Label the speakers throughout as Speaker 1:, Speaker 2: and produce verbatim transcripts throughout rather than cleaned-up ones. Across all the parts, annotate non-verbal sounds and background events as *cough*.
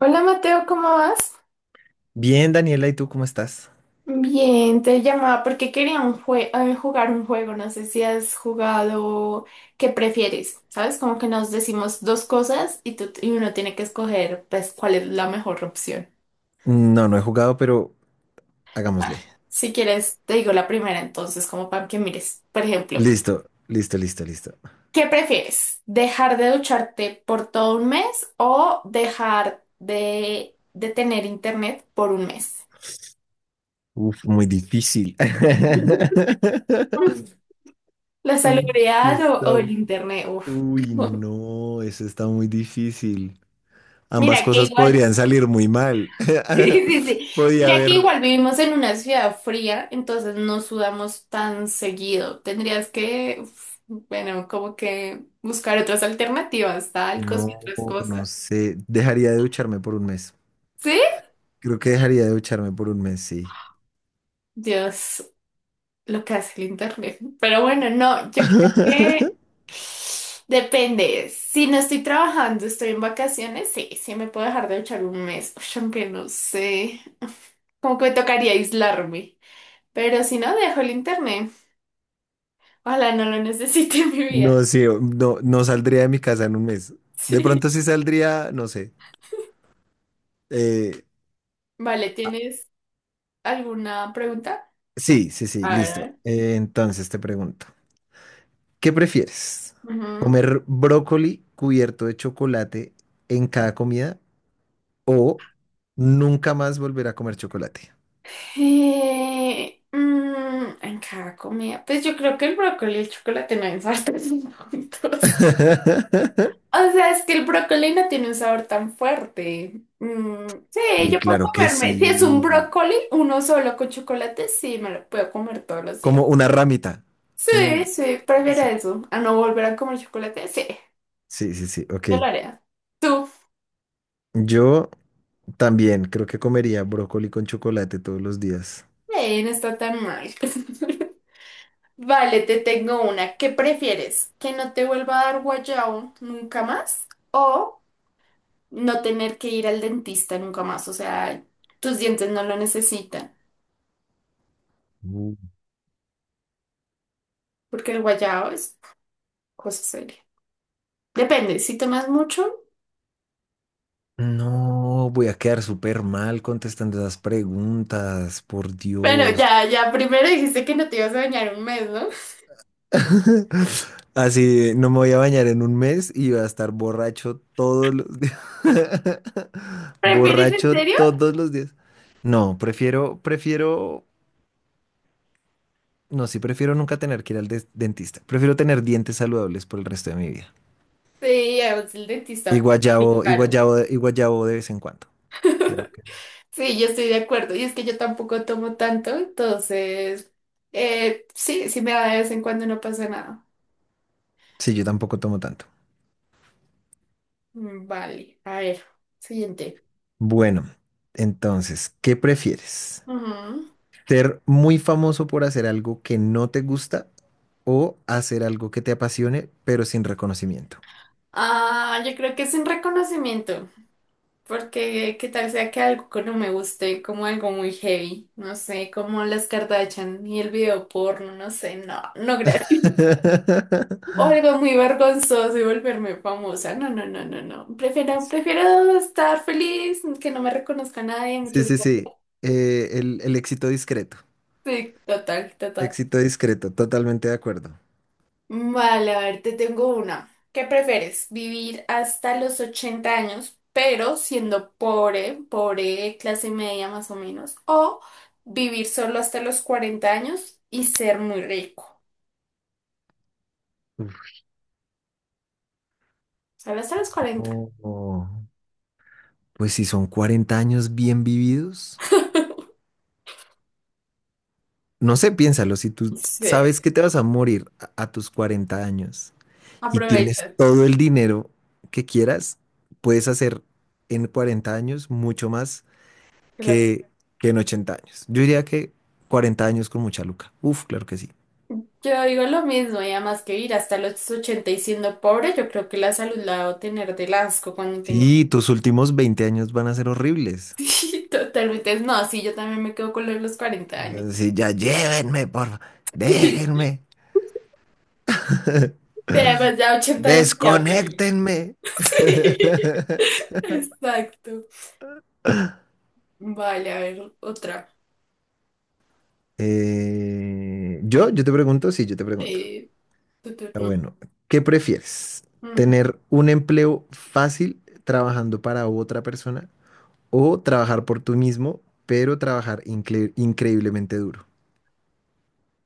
Speaker 1: Hola Mateo, ¿cómo vas?
Speaker 2: Bien, Daniela, ¿y tú cómo estás?
Speaker 1: Bien, te llamaba porque quería un jue- eh, jugar un juego. No sé si has jugado. ¿Qué prefieres? ¿Sabes? Como que nos decimos dos cosas y, tú- y uno tiene que escoger pues cuál es la mejor opción.
Speaker 2: No, no he jugado, pero hagámosle.
Speaker 1: Ah. Si quieres, te digo la primera entonces, como para que mires. Por ejemplo,
Speaker 2: Listo, listo, listo, listo.
Speaker 1: ¿qué prefieres? ¿Dejar de ducharte por todo un mes o dejar de, de tener internet por un mes?
Speaker 2: Uf, muy difícil. *laughs*
Speaker 1: *laughs* La
Speaker 2: Uy, sí
Speaker 1: salubridad o,
Speaker 2: está.
Speaker 1: o el internet, uff.
Speaker 2: Uy,
Speaker 1: *laughs*
Speaker 2: no, eso está muy difícil. Ambas
Speaker 1: Mira que
Speaker 2: cosas
Speaker 1: igual,
Speaker 2: podrían salir muy mal.
Speaker 1: *laughs* sí, sí, sí.
Speaker 2: *laughs* Podía
Speaker 1: Mira que
Speaker 2: haber.
Speaker 1: igual vivimos en una ciudad fría, entonces no sudamos tan seguido. Tendrías que, uf, bueno, como que buscar otras alternativas, talcos y
Speaker 2: No,
Speaker 1: otras
Speaker 2: no
Speaker 1: cosas.
Speaker 2: sé. Dejaría de ducharme por un mes.
Speaker 1: ¿Sí?
Speaker 2: Creo que dejaría de ducharme por un mes, sí.
Speaker 1: Dios, lo que hace el internet. Pero bueno, no, yo creo que
Speaker 2: *laughs*
Speaker 1: depende. Si no estoy trabajando, estoy en vacaciones, sí, sí me puedo dejar de echar un mes. *laughs* Uy, aunque no sé. Como que me tocaría aislarme. Pero si no, dejo el internet. Ojalá no lo necesite en mi vida.
Speaker 2: No,
Speaker 1: *laughs*
Speaker 2: sí, no, no saldría de mi casa en un mes. De
Speaker 1: Sí.
Speaker 2: pronto sí saldría, no sé. Eh,
Speaker 1: Vale, ¿tienes alguna pregunta?
Speaker 2: sí, sí, sí,
Speaker 1: A ver, a
Speaker 2: listo.
Speaker 1: ver.
Speaker 2: Eh, entonces te pregunto, ¿qué prefieres?
Speaker 1: Ujú.
Speaker 2: ¿Comer brócoli cubierto de chocolate en cada comida o nunca más volver a comer chocolate?
Speaker 1: Eh, mm, en cada comida. Pues yo creo que el brócoli y el chocolate no hay *laughs* sabores juntos.
Speaker 2: *laughs*
Speaker 1: O sea, es que el brócoli no tiene un sabor tan fuerte. Mm, sí, yo
Speaker 2: Uy,
Speaker 1: puedo
Speaker 2: claro que
Speaker 1: comerme. Si es un
Speaker 2: sí.
Speaker 1: brócoli, uno solo con chocolate, sí, me lo puedo comer todos los días.
Speaker 2: Como una ramita.
Speaker 1: Sí,
Speaker 2: Un.
Speaker 1: sí, prefiero
Speaker 2: Sí,
Speaker 1: eso. A no volver a comer chocolate, sí,
Speaker 2: sí, sí, sí, ok.
Speaker 1: yo lo haré. ¿Tú?
Speaker 2: Yo también creo que comería brócoli con chocolate todos los días.
Speaker 1: Eh, no está tan mal. *laughs* Vale, te tengo una. ¿Qué prefieres? ¿Que no te vuelva a dar guayao nunca más? ¿O no tener que ir al dentista nunca más? O sea, tus dientes no lo necesitan.
Speaker 2: Uh,
Speaker 1: Porque el guayao es cosa seria. Depende, si tomas mucho.
Speaker 2: No, voy a quedar súper mal contestando esas preguntas, por
Speaker 1: Bueno,
Speaker 2: Dios.
Speaker 1: ya, ya, primero dijiste que no te ibas a bañar un mes, ¿no?
Speaker 2: *laughs* Así no me voy a bañar en un mes y voy a estar borracho todos los días. *laughs*
Speaker 1: *laughs* ¿Prefieres en
Speaker 2: Borracho
Speaker 1: serio?
Speaker 2: todos los días. No, prefiero, prefiero, no, sí, prefiero nunca tener que ir al des- dentista. Prefiero tener dientes saludables por el resto de mi vida.
Speaker 1: Sí, además el
Speaker 2: Y
Speaker 1: dentista muy
Speaker 2: guayabo, y
Speaker 1: caro.
Speaker 2: guayabo, y guayabo de vez en cuando. Claro que sí.
Speaker 1: Sí, yo estoy de acuerdo. Y es que yo tampoco tomo tanto, entonces, eh, sí, sí me da de vez en cuando, no pasa nada.
Speaker 2: Sí, yo tampoco tomo tanto.
Speaker 1: Mm, vale, a ver, siguiente.
Speaker 2: Bueno, entonces, ¿qué prefieres?
Speaker 1: Ujú.
Speaker 2: ¿Ser muy famoso por hacer algo que no te gusta o hacer algo que te apasione pero sin reconocimiento?
Speaker 1: Ah, yo creo que es un reconocimiento, porque qué tal sea que algo que no me guste, como algo muy heavy, no sé, como las Kardashian y el video porno, no sé, no, no gracias. *laughs* O
Speaker 2: *laughs*
Speaker 1: algo muy vergonzoso y volverme famosa. No, no, no, no, no. Prefiero, prefiero estar feliz, que no me reconozca nadie.
Speaker 2: Sí,
Speaker 1: Muchas
Speaker 2: sí, sí. Eh, el, el éxito discreto.
Speaker 1: sí, total, total.
Speaker 2: Éxito discreto, totalmente de acuerdo.
Speaker 1: Vale, a ver, te tengo una. ¿Qué prefieres? ¿Vivir hasta los ochenta años, pero siendo pobre, pobre, clase media más o menos? ¿O vivir solo hasta los cuarenta años y ser muy rico?
Speaker 2: Uf,
Speaker 1: Solo hasta los cuarenta.
Speaker 2: no, no. Pues si son cuarenta años bien vividos, no sé, piénsalo, si tú
Speaker 1: Sí.
Speaker 2: sabes que te vas a morir a, a tus cuarenta años. Y tienes
Speaker 1: Aprovecha.
Speaker 2: todo el dinero que quieras, puedes hacer en cuarenta años mucho más
Speaker 1: Claro.
Speaker 2: que, que en ochenta años. Yo diría que cuarenta años con mucha luca. Uf, claro que sí.
Speaker 1: Yo digo lo mismo, y además que vivir hasta los ochenta y siendo pobre, yo creo que la salud la debo tener del asco cuando tengo.
Speaker 2: Sí,
Speaker 1: *laughs*
Speaker 2: tus últimos veinte años van a ser horribles.
Speaker 1: Sí, totalmente. No, sí, yo también me quedo con lo de los cuarenta años.
Speaker 2: Así, ya llévenme, por favor,
Speaker 1: *laughs*
Speaker 2: déjenme,
Speaker 1: Te- Además, ya ochenta demasiado para que-
Speaker 2: desconéctenme.
Speaker 1: *laughs*
Speaker 2: *laughs*
Speaker 1: Exacto. Vale, a ver, otra.
Speaker 2: Eh, yo, yo te pregunto, sí, yo te pregunto.
Speaker 1: Sí, tu
Speaker 2: Ah,
Speaker 1: turno.
Speaker 2: bueno, ¿qué prefieres?
Speaker 1: Ujú.
Speaker 2: ¿Tener un empleo fácil trabajando para otra persona o trabajar por tú mismo, pero trabajar incre- increíblemente duro?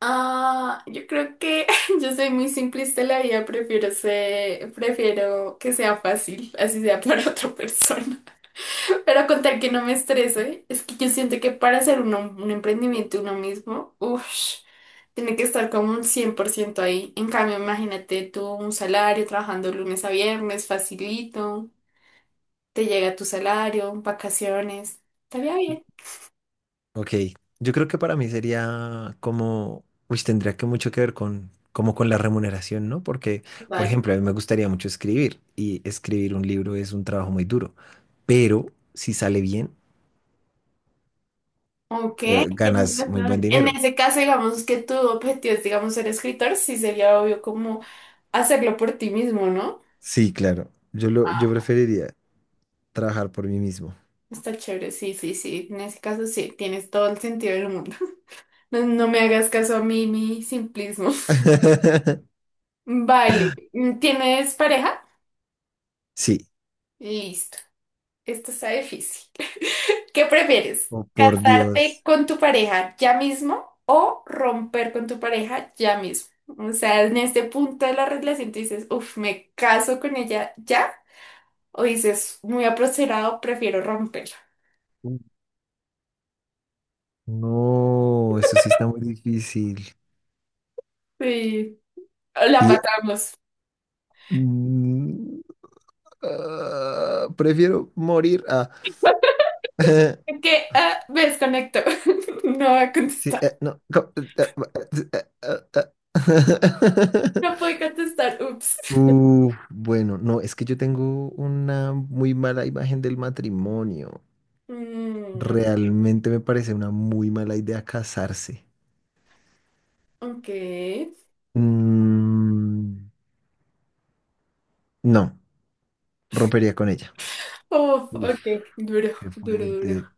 Speaker 1: Ah, yo creo que *laughs* yo soy muy simplista en la vida, prefiero ser, prefiero que sea fácil, así sea para otra persona. Pero con tal que no me estreso, es que yo siento que para hacer uno, un emprendimiento uno mismo, uff, tiene que estar como un cien por ciento ahí. En cambio, imagínate tú un salario trabajando lunes a viernes, facilito, te llega tu salario, vacaciones, estaría bien.
Speaker 2: Ok, yo creo que para mí sería como, uy, tendría que mucho que ver con, como con la remuneración, ¿no? Porque, por
Speaker 1: Vale.
Speaker 2: ejemplo, a mí me gustaría mucho escribir y escribir un libro es un trabajo muy duro, pero si sale bien,
Speaker 1: Ok,
Speaker 2: eh,
Speaker 1: tienes
Speaker 2: ganas muy buen
Speaker 1: razón. En
Speaker 2: dinero.
Speaker 1: ese caso, digamos que tu objetivo es, digamos, ser escritor, sí sería obvio como hacerlo por ti mismo, ¿no?
Speaker 2: Sí, claro, yo lo, yo
Speaker 1: Ah.
Speaker 2: preferiría trabajar por mí mismo.
Speaker 1: Está chévere, sí, sí, sí. En ese caso, sí, tienes todo el sentido del mundo. No, no me hagas caso a mí, mi simplismo. *laughs*
Speaker 2: *laughs*
Speaker 1: Vale. ¿Tienes pareja?
Speaker 2: Sí.
Speaker 1: Listo. Esto está difícil. *laughs* ¿Qué prefieres?
Speaker 2: Oh, por
Speaker 1: ¿Casarte
Speaker 2: Dios.
Speaker 1: con tu pareja ya mismo o romper con tu pareja ya mismo? O sea, en este punto de la relación te dices, uff, me caso con ella ya. O dices, muy apresurado, prefiero romperla.
Speaker 2: No, eso sí está muy difícil.
Speaker 1: Sí. La
Speaker 2: Y
Speaker 1: patamos.
Speaker 2: mm, ah, prefiero morir a.
Speaker 1: *laughs*
Speaker 2: *laughs*
Speaker 1: Que ah, me desconecto. *laughs* No voy a
Speaker 2: Sí,
Speaker 1: contestar.
Speaker 2: eh, no. co- eh, eh, eh, eh, eh.
Speaker 1: No
Speaker 2: *laughs*
Speaker 1: puedo contestar. Ups.
Speaker 2: Uf, bueno, no, es que yo tengo una muy mala imagen del matrimonio.
Speaker 1: Mm,
Speaker 2: Realmente me parece una muy mala idea casarse.
Speaker 1: ok.
Speaker 2: Mm, no, rompería con ella.
Speaker 1: Uf,
Speaker 2: Uf.
Speaker 1: ok. Duro,
Speaker 2: Qué
Speaker 1: duro,
Speaker 2: fuerte.
Speaker 1: duro.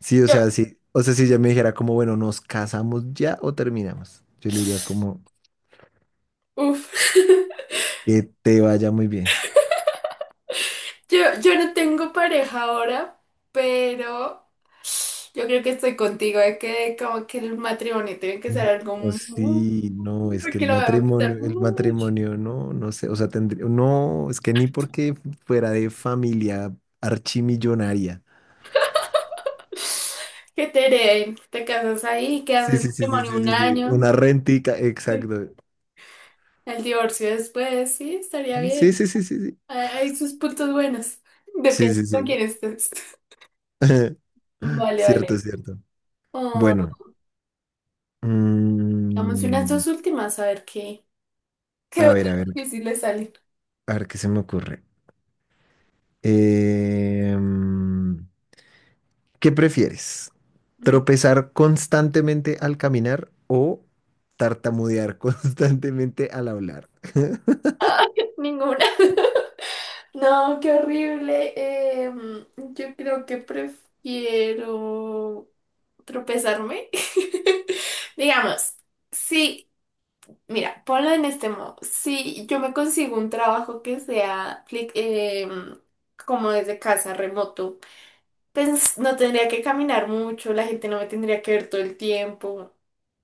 Speaker 2: Sí, o
Speaker 1: Yo,
Speaker 2: sea, sí. O sea, si ella me dijera como, bueno, ¿nos casamos ya o terminamos? Yo le diría como,
Speaker 1: uf. *laughs*
Speaker 2: que te vaya muy bien.
Speaker 1: Yo, yo no tengo pareja ahora, pero yo creo que estoy contigo, de que como que el matrimonio tiene que ser algo
Speaker 2: No,
Speaker 1: muy,
Speaker 2: sí, no, es que
Speaker 1: porque
Speaker 2: el
Speaker 1: lo voy a
Speaker 2: matrimonio,
Speaker 1: pensar
Speaker 2: el
Speaker 1: mucho.
Speaker 2: matrimonio, no, no sé, o sea, tendría, no, es que ni porque fuera de familia archimillonaria.
Speaker 1: Que te hereden, te casas ahí,
Speaker 2: Sí,
Speaker 1: quedas
Speaker 2: sí, sí,
Speaker 1: en
Speaker 2: sí,
Speaker 1: matrimonio
Speaker 2: sí,
Speaker 1: un
Speaker 2: sí, sí.
Speaker 1: año,
Speaker 2: Una rentica, exacto.
Speaker 1: el divorcio después, sí, estaría
Speaker 2: Sí,
Speaker 1: bien.
Speaker 2: sí, sí, sí, sí.
Speaker 1: Hay hay sus puntos buenos.
Speaker 2: Sí,
Speaker 1: Depende
Speaker 2: sí,
Speaker 1: con
Speaker 2: sí.
Speaker 1: quién estés.
Speaker 2: *laughs*
Speaker 1: Vale,
Speaker 2: Cierto,
Speaker 1: vale.
Speaker 2: cierto.
Speaker 1: Oh,
Speaker 2: Bueno,
Speaker 1: damos unas
Speaker 2: mm,
Speaker 1: dos últimas a ver qué, qué
Speaker 2: a
Speaker 1: otras
Speaker 2: ver, a ver,
Speaker 1: difíciles salen.
Speaker 2: a ver qué se me ocurre. Em, ¿Qué prefieres? ¿Tropezar constantemente al caminar o tartamudear *laughs* constantemente al hablar?
Speaker 1: Ay, *laughs* ninguna. *laughs* No, qué horrible. Em, yo creo que prefiero tropezarme. *laughs* Digamos, sí, mira, ponlo en este modo. Si yo me consigo un trabajo que sea fli- em, como desde casa, remoto, pues no tendría que caminar mucho, la gente no me tendría que ver todo el tiempo.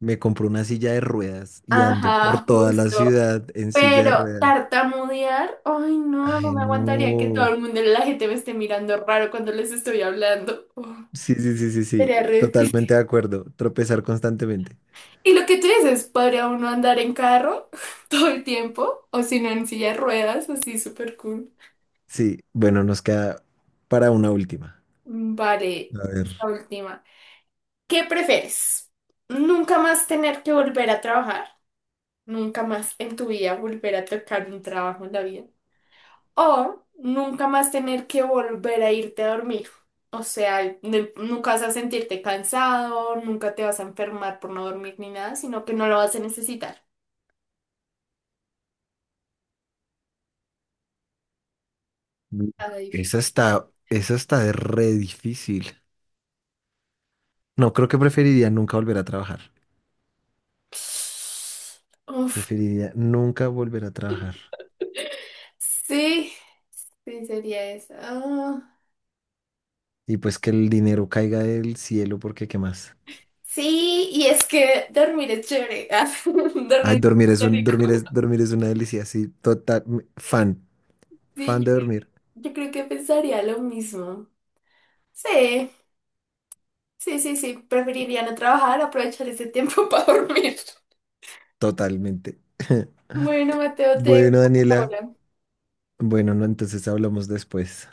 Speaker 2: Me compré una silla de ruedas y ando por
Speaker 1: Ajá,
Speaker 2: toda la
Speaker 1: justo.
Speaker 2: ciudad en silla de
Speaker 1: Pero
Speaker 2: ruedas.
Speaker 1: tartamudear, ay no, no
Speaker 2: Ay,
Speaker 1: me aguantaría que todo
Speaker 2: no.
Speaker 1: el mundo, la gente me esté mirando raro cuando les estoy hablando. Oh,
Speaker 2: Sí, sí, sí, sí, sí.
Speaker 1: sería re difícil.
Speaker 2: Totalmente de acuerdo. Tropezar constantemente.
Speaker 1: Y lo que tú dices, ¿podría uno andar en carro *laughs* todo el tiempo? O si no, en silla de ruedas, así súper cool.
Speaker 2: Sí, bueno, nos queda para una última.
Speaker 1: Mm, vale,
Speaker 2: A
Speaker 1: esta
Speaker 2: ver.
Speaker 1: última. ¿Qué prefieres? ¿Nunca más tener que volver a trabajar? ¿Nunca más en tu vida volver a tocar un trabajo en la vida? O nunca más tener que volver a irte a dormir. O sea, de- nunca vas a sentirte cansado, nunca te vas a enfermar por no dormir ni nada, sino que no lo vas a necesitar. Nada difícil.
Speaker 2: Esa está, esa está de re difícil. No, creo que preferiría nunca volver a trabajar.
Speaker 1: Uf,
Speaker 2: Preferiría nunca volver a trabajar.
Speaker 1: sí, sí sería eso. Ah,
Speaker 2: Y pues que el dinero caiga del cielo porque qué más.
Speaker 1: sí, y es que dormir es chévere. *laughs* Ah,
Speaker 2: Ay,
Speaker 1: dormir
Speaker 2: dormir es
Speaker 1: es
Speaker 2: un,
Speaker 1: rico.
Speaker 2: dormir es, dormir es una delicia, sí, total, m- fan,
Speaker 1: Sí,
Speaker 2: fan
Speaker 1: yo
Speaker 2: de
Speaker 1: creo,
Speaker 2: dormir,
Speaker 1: yo creo que pensaría lo mismo. Sí, sí, sí, sí. Preferiría no trabajar, aprovechar ese tiempo *laughs* para dormir.
Speaker 2: totalmente. *laughs*
Speaker 1: Bueno, Mateo, te dejo
Speaker 2: Bueno,
Speaker 1: por
Speaker 2: Daniela,
Speaker 1: ahora.
Speaker 2: bueno, no, entonces hablamos después.